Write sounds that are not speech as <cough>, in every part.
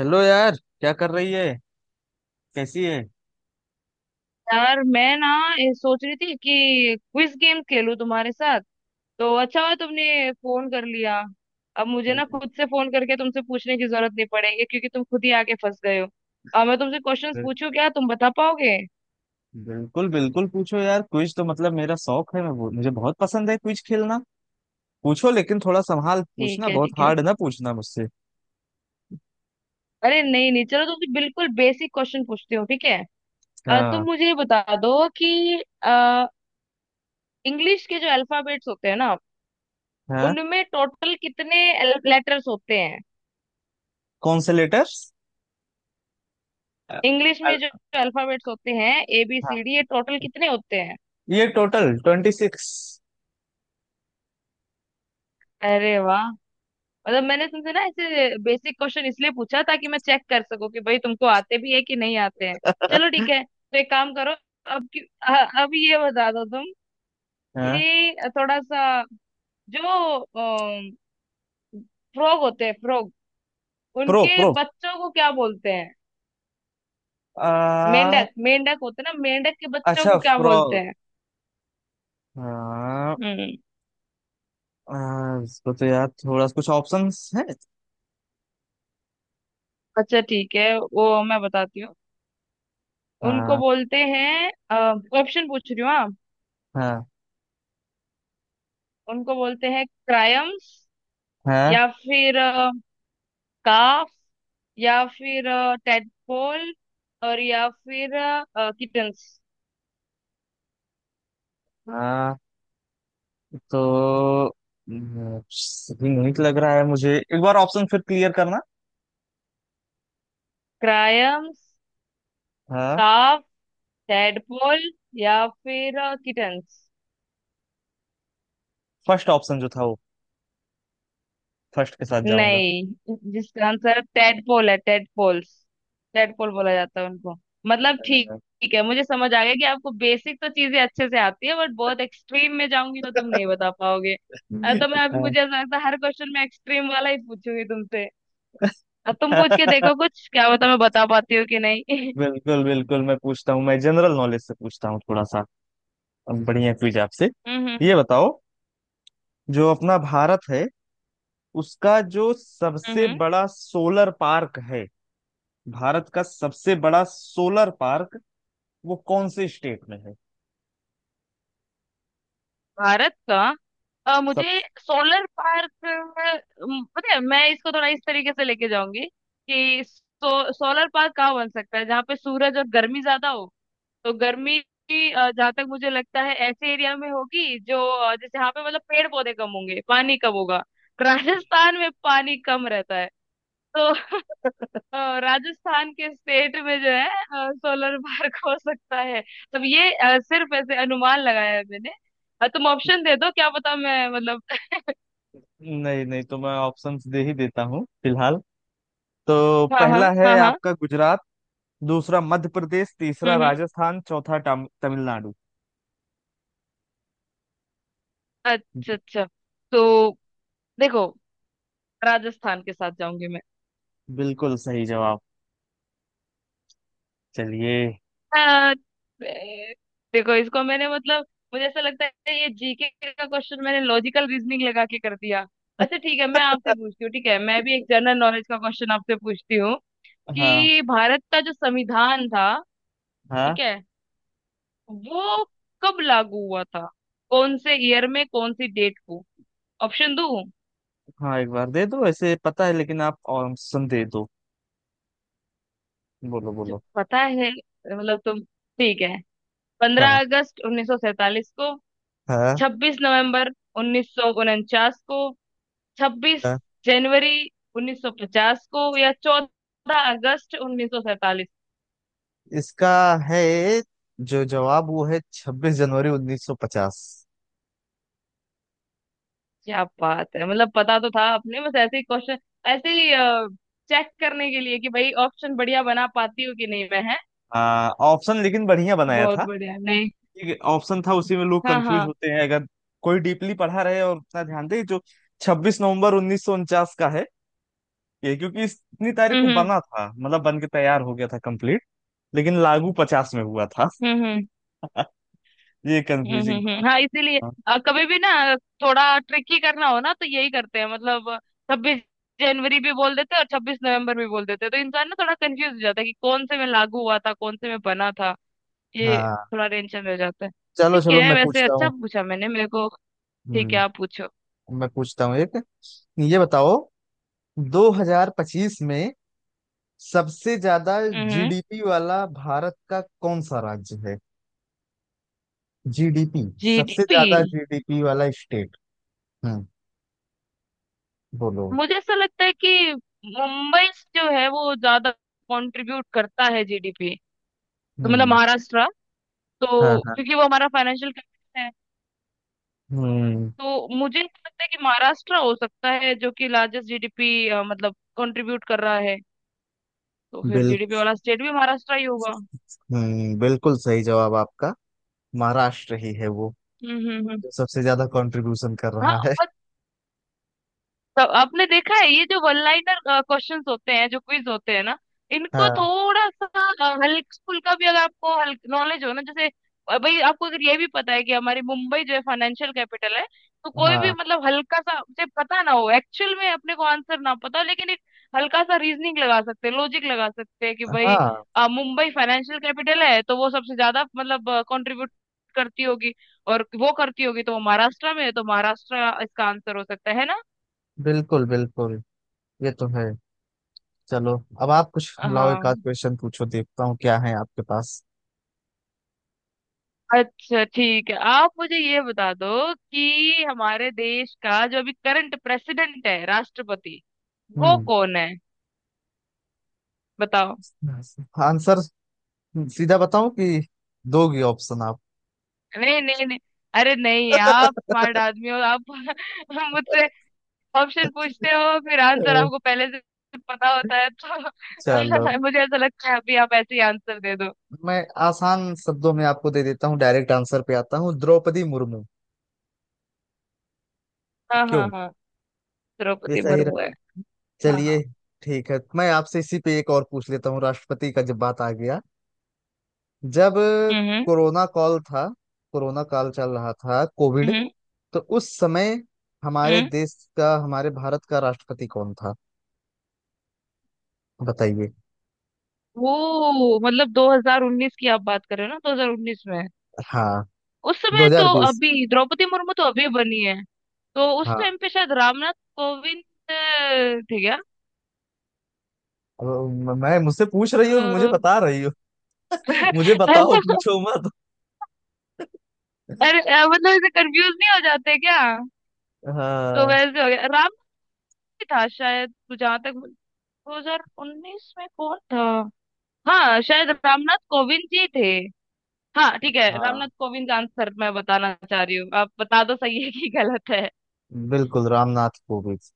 Hello यार, क्या कर रही है। कैसी है। यार मैं ना ये सोच रही थी कि क्विज गेम खेलूं तुम्हारे साथ। तो अच्छा हुआ तुमने फोन कर लिया। अब मुझे ना बिल- खुद से फोन करके तुमसे पूछने की जरूरत नहीं पड़ेगी क्योंकि तुम खुद ही आके फंस गए हो। अब मैं तुमसे क्वेश्चंस पूछूं, क्या तुम बता पाओगे? बिल्कुल बिल्कुल पूछो यार, क्विज तो मतलब मेरा शौक है। मैं वो, मुझे बहुत पसंद है क्विज खेलना। पूछो लेकिन थोड़ा संभाल के ठीक पूछना, है, बहुत ठीक है। हार्ड ना पूछना मुझसे। अरे नहीं नहीं, चलो तुमसे बिल्कुल बेसिक क्वेश्चन पूछती हूँ, ठीक है। तुम हाँ। मुझे ये बता दो कि इंग्लिश के जो अल्फाबेट्स होते हैं ना, हाँ। उनमें टोटल कितने लेटर्स होते हैं? कौन से लेटर्स। अ- इंग्लिश में जो अ- अल्फाबेट्स होते हैं, ए बी हाँ, सी डी, ये टोटल कितने होते हैं? ये टोटल 26। अरे वाह! मतलब मैंने तुमसे ना ऐसे बेसिक क्वेश्चन इसलिए पूछा ताकि मैं चेक कर सकूं कि भाई तुमको आते भी है कि नहीं आते हैं। चलो <laughs> ठीक है, तो एक काम करो। अब ये बता दो तुम हाँ। कि थोड़ा सा, जो फ्रॉग होते हैं फ्रॉग, प्रो उनके प्रो बच्चों को क्या बोलते हैं? आ, मेंढक, मेंढक होते हैं ना, मेंढक के बच्चों अच्छा, को क्या बोलते फ्रॉग। हैं? हाँ। हम्म। इसको तो यार थोड़ा कुछ ऑप्शंस है। अच्छा ठीक है, वो मैं बताती हूँ। उनको हाँ। बोलते हैं, ऑप्शन पूछ रही हूँ, हाँ। हाँ। उनको बोलते हैं क्रायम्स, हाँ। या फिर काफ, या फिर टेडपोल, और या फिर किटन्स। हाँ। तो यूनिक लग रहा है मुझे। एक बार ऑप्शन फिर क्लियर करना। क्रायम्स, हाँ। काफ, टेडपोल, या फिर किटन्स। फर्स्ट ऑप्शन जो था वो, फर्स्ट के साथ जाऊंगा। नहीं, जिसका आंसर टेडपोल है, टेडपोल्स, टेडपोल बोला जाता है उनको। मतलब ठीक, ठीक है, मुझे समझ आ गया कि आपको बेसिक तो चीजें अच्छे से आती है, बट बहुत एक्सट्रीम में जाऊंगी तो तुम नहीं बता पाओगे। तो मैं अभी, हाँ। मुझे ऐसा लगता है हर क्वेश्चन में एक्सट्रीम वाला ही पूछूंगी तुमसे। अब तुम पूछ के <laughs> देखो कुछ, क्या पता मैं बता पाती हूँ कि नहीं। <laughs> बिल्कुल बिल्कुल, मैं पूछता हूँ। मैं जनरल नॉलेज से पूछता हूँ थोड़ा सा। अब बढ़िया क्विज आपसे। हम्म। ये बताओ, जो अपना भारत है उसका जो सबसे हम्म। बड़ा सोलर पार्क है, भारत का सबसे बड़ा सोलर पार्क वो कौन से स्टेट में है। भारत का, सब। मुझे सोलर पार्क पता है, मैं इसको थोड़ा इस तरीके से लेके जाऊंगी कि सोलर पार्क कहाँ बन सकता है? जहाँ पे सूरज और गर्मी ज्यादा हो। तो गर्मी भी, जहाँ तक मुझे लगता है ऐसे एरिया में होगी जो, जैसे यहाँ पे मतलब पेड़ पौधे कम होंगे, पानी कम होगा। <laughs> राजस्थान में पानी कम रहता है। तो अ, राजस्थान के स्टेट में जो है सोलर पार्क हो सकता है। तब ये सिर्फ ऐसे अनुमान लगाया है मैंने। तुम ऑप्शन दे दो, क्या पता मैं मतलब। <laughs> नहीं नहीं, तो मैं ऑप्शंस दे ही देता हूँ फिलहाल। तो हाँ हाँ पहला है हाँ हाँ। आपका गुजरात, दूसरा मध्य प्रदेश, तीसरा हम्म हम्म। राजस्थान, चौथा तमिलनाडु। अच्छा अच्छा। तो देखो, राजस्थान के साथ जाऊंगी मैं। बिल्कुल सही जवाब। चलिए। अ, ए, देखो, इसको मैंने मतलब, मुझे ऐसा लगता है ये जीके का क्वेश्चन मैंने लॉजिकल रीजनिंग लगा के कर दिया। अच्छा ठीक है, मैं आपसे पूछती हूँ, ठीक है, मैं भी एक जनरल नॉलेज का क्वेश्चन आपसे पूछती हूँ हाँ। कि भारत का जो संविधान था, ठीक हाँ। है, वो कब लागू हुआ था? कौन से ईयर में, कौन सी डेट को? ऑप्शन दूं हाँ, एक बार दे दो। ऐसे पता है, लेकिन आप ऑप्शन दे दो। बोलो जो बोलो। पता है, मतलब तुम, ठीक है। पंद्रह हाँ। अगस्त उन्नीस सौ सैतालीस को, हाँ। 26 नवंबर 1949 को, छब्बीस हाँ, जनवरी उन्नीस सौ पचास को, या 14 अगस्त 1947। इसका है जो जवाब, वो है 26 जनवरी 1950। क्या बात है, मतलब पता तो था आपने। बस ऐसे ही क्वेश्चन, ऐसे ही चेक करने के लिए कि भाई ऑप्शन बढ़िया बना पाती हूँ कि नहीं मैं, है? हाँ, ऑप्शन लेकिन बढ़िया बनाया बहुत था। बढ़िया। नहीं। एक ऑप्शन था उसी में लोग हाँ कंफ्यूज हाँ। होते हैं, अगर कोई डीपली पढ़ा रहे और उतना ध्यान दे जो 26 नवंबर 1949 का है। ये क्योंकि इतनी तारीख को हम्म बना था, मतलब बन के तैयार हो गया था कंप्लीट। लेकिन लागू पचास में हुआ था। हम्म। <laughs> ये कंफ्यूजिंग था। हाँ, इसीलिए हाँ। कभी भी ना, थोड़ा ट्रिकी करना हो ना तो यही करते हैं। मतलब 26 जनवरी भी बोल देते हैं और 26 नवंबर भी बोल देते हैं, तो इंसान ना थोड़ा कंफ्यूज हो जाता है कि कौन से में लागू हुआ था, कौन से में बना था। ये हाँ। थोड़ा टेंशन हो जाता है। चलो ठीक चलो, है, वैसे अच्छा पूछा मैंने मेरे को। ठीक है, आप हम्म पूछो। मैं पूछता हूँ एक। ये बताओ, 2025 में सबसे ज्यादा हम्म। जीडीपी वाला भारत का कौन सा राज्य है। जीडीपी। सबसे जीडीपी। ज्यादा जीडीपी वाला स्टेट। बोलो। मुझे ऐसा लगता है कि मुंबई जो है वो ज्यादा कंट्रीब्यूट करता है जीडीपी, तो मतलब हम्म। महाराष्ट्र, हाँ। तो हाँ। क्योंकि वो हमारा फाइनेंशियल, हम्म। तो मुझे ऐसा लगता है कि महाराष्ट्र हो सकता है जो कि लार्जेस्ट जीडीपी मतलब कंट्रीब्यूट कर रहा है, तो फिर बिल जीडीपी वाला स्टेट भी महाराष्ट्र ही होगा। बिल्कुल सही जवाब आपका। महाराष्ट्र ही है वो, हम्म। जो सबसे ज्यादा कंट्रीब्यूशन कर रहा है। हाँ, तो आपने देखा है ये जो वन लाइनर क्वेश्चंस होते हैं, जो क्विज होते हैं ना, इनको हाँ। थोड़ा सा हल्क स्कूल का भी अगर आपको हल्क नॉलेज हो ना, जैसे भाई आपको अगर ये भी पता है कि हमारी मुंबई जो है फाइनेंशियल कैपिटल है, तो कोई भी हाँ। मतलब, हल्का सा मुझे पता ना हो एक्चुअल में, अपने को आंसर ना पता हो, लेकिन एक हल्का सा रीजनिंग लगा सकते हैं, लॉजिक लगा सकते हैं कि भाई हाँ, मुंबई फाइनेंशियल कैपिटल है, तो वो सबसे ज्यादा मतलब कंट्रीब्यूट करती होगी, और वो करती होगी तो वो महाराष्ट्र में है, तो महाराष्ट्र इसका आंसर हो सकता है ना? बिल्कुल बिल्कुल, ये तो है। चलो, अब आप कुछ लाओ, एक आध हाँ। क्वेश्चन पूछो, देखता हूँ क्या है आपके पास। अच्छा ठीक है, आप मुझे ये बता दो कि हमारे देश का जो अभी करंट प्रेसिडेंट है, राष्ट्रपति, वो हम्म। कौन है? बताओ। आंसर सीधा बताऊं, कि दोगी ऑप्शन आप? नहीं नहीं नहीं, अरे नहीं, आप स्मार्ट आदमी हो आप, <laughs> मुझसे ऑप्शन पूछते हो, फिर अ, आंसर आपको पहले से पता होता है, चलो, तो <laughs> मुझे ऐसा लगता है अभी आप ऐसे ही आंसर दे दो। मैं आसान शब्दों में आपको दे देता हूँ, डायरेक्ट आंसर पे आता हूँ। द्रौपदी मुर्मू। हाँ हाँ क्यों। हाँ, ये द्रौपदी सही। मुर्मू है। हाँ हाँ। चलिए। ठीक है, मैं आपसे इसी पे एक और पूछ लेता हूँ, राष्ट्रपति का जब बात आ गया। जब हम्म हम्म कोरोना काल था, कोरोना काल चल रहा था, कोविड। हम्म। तो उस समय हमारे हम्म। देश का, हमारे भारत का राष्ट्रपति कौन था। बताइए। वो मतलब 2019 की आप बात कर रहे हो ना, 2019 में हाँ। उस समय तो, 2020। अभी द्रौपदी मुर्मू तो अभी बनी है, तो उस हाँ, टाइम पे शायद रामनाथ कोविंद अ, थे क्या? अब मैं, मुझसे पूछ रही हो कि मुझे अ, बता रही हो? <laughs> मुझे बताओ, <laughs> पूछो मत। अरे मतलब ऐसे कंफ्यूज नहीं हो जाते क्या? तो हाँ। वैसे हो गया, राम ही था शायद, जहां तक, 2019 में कौन था। हाँ शायद रामनाथ कोविंद जी थे। हाँ ठीक है, रामनाथ हाँ, कोविंद का आंसर मैं बताना चाह रही हूँ, आप बता दो सही है कि गलत है। बिल्कुल रामनाथ कोविंद,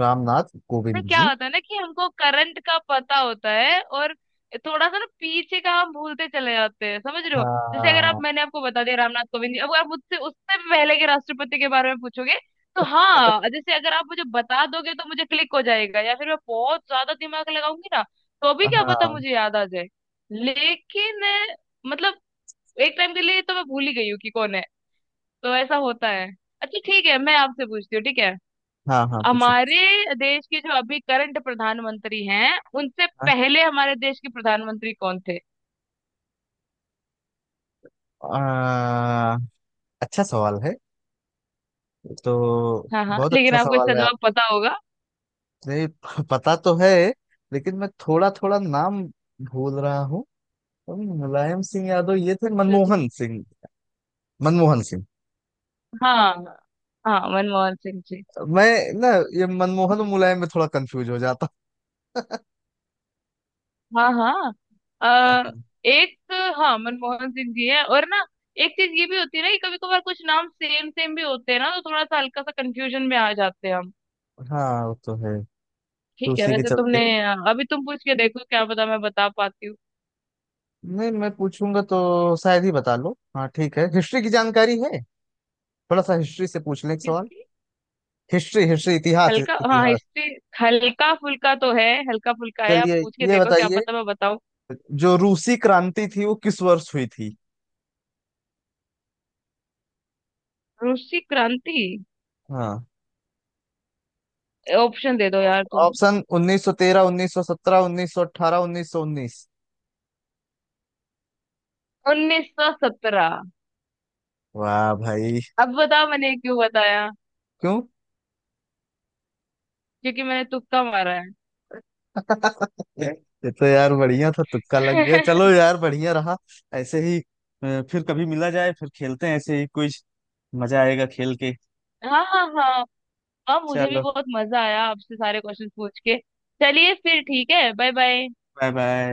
रामनाथ पर कोविंद क्या जी। होता है ना कि हमको करंट का पता होता है, और थोड़ा सा ना पीछे का हम भूलते चले जाते हैं, समझ रहे हो? जैसे अगर आप, हाँ। मैंने आपको बता दिया रामनाथ कोविंद जी, अब आप मुझसे उससे भी पहले के राष्ट्रपति के बारे में पूछोगे, तो हाँ, जैसे अगर आप मुझे बता दोगे तो मुझे क्लिक हो जाएगा, या फिर मैं बहुत ज्यादा दिमाग लगाऊंगी ना, तो भी क्या पता हाँ। मुझे याद आ जाए। लेकिन मतलब एक टाइम के लिए तो मैं भूल ही गई हूँ कि कौन है। तो ऐसा होता है। अच्छा ठीक है, मैं आपसे पूछती हूँ, ठीक है। हाँ। हाँ, पूछो। हमारे देश के जो अभी करंट प्रधानमंत्री हैं, उनसे पहले हमारे देश के प्रधानमंत्री कौन थे? आ, अच्छा सवाल है। तो हाँ हाँ, बहुत लेकिन अच्छा आपको सवाल इसका है, जवाब पता होगा। आपने <laughs> पता तो है। लेकिन मैं थोड़ा थोड़ा नाम भूल रहा हूँ। मुलायम सिंह यादव, ये थे अच्छा अच्छा। मनमोहन सिंह। मनमोहन सिंह। हाँ हाँ, मनमोहन सिंह जी। मैं ना, ये मनमोहन और ठीक है। मुलायम में थोड़ा कंफ्यूज हो जाता हाँ हाँ। अ, हूँ। एक हाँ मनमोहन सिंह जी है। और ना, एक चीज ये भी होती है ना कि कभी कभार कुछ नाम सेम सेम भी होते हैं ना, तो थोड़ा सा हल्का सा कंफ्यूजन में आ जाते हैं हम। <laughs> हाँ, वो तो है। तो ठीक है, उसी के वैसे चलते, तुमने, अभी तुम पूछ के देखो, क्या पता मैं बता पाती नहीं, मैं पूछूंगा तो शायद ही बता लो। हाँ, ठीक है, हिस्ट्री की जानकारी है। थोड़ा सा हिस्ट्री से पूछ लें, एक हूँ। सवाल। हिस्ट्री हिस्ट्री, इतिहास हल्का, हाँ, इतिहास। हिस्ट्री हल्का फुल्का तो है। हल्का फुल्का है, आप चलिए, पूछ के ये देखो, क्या बताइए, पता मैं बताऊं। जो रूसी क्रांति थी वो किस वर्ष हुई थी। रूसी क्रांति, हाँ, ऑप्शन दे दो यार तुम। ऑप्शन 1913, 1917, 1918, 1919। 1917। वाह भाई। अब बताओ मैंने क्यों बताया? क्यों? क्योंकि मैंने तुक्का मारा है। <laughs> ये तो यार बढ़िया था, तुक्का लग गया। चलो <laughs> यार, बढ़िया रहा। ऐसे ही फिर कभी मिला जाए, फिर खेलते हैं ऐसे ही कुछ। मजा आएगा खेल के। हाँ हाँ हाँ। हाँ, मुझे भी चलो, बहुत मजा आया आपसे सारे क्वेश्चन पूछ के। चलिए फिर, ठीक है, बाय बाय। Bye bye.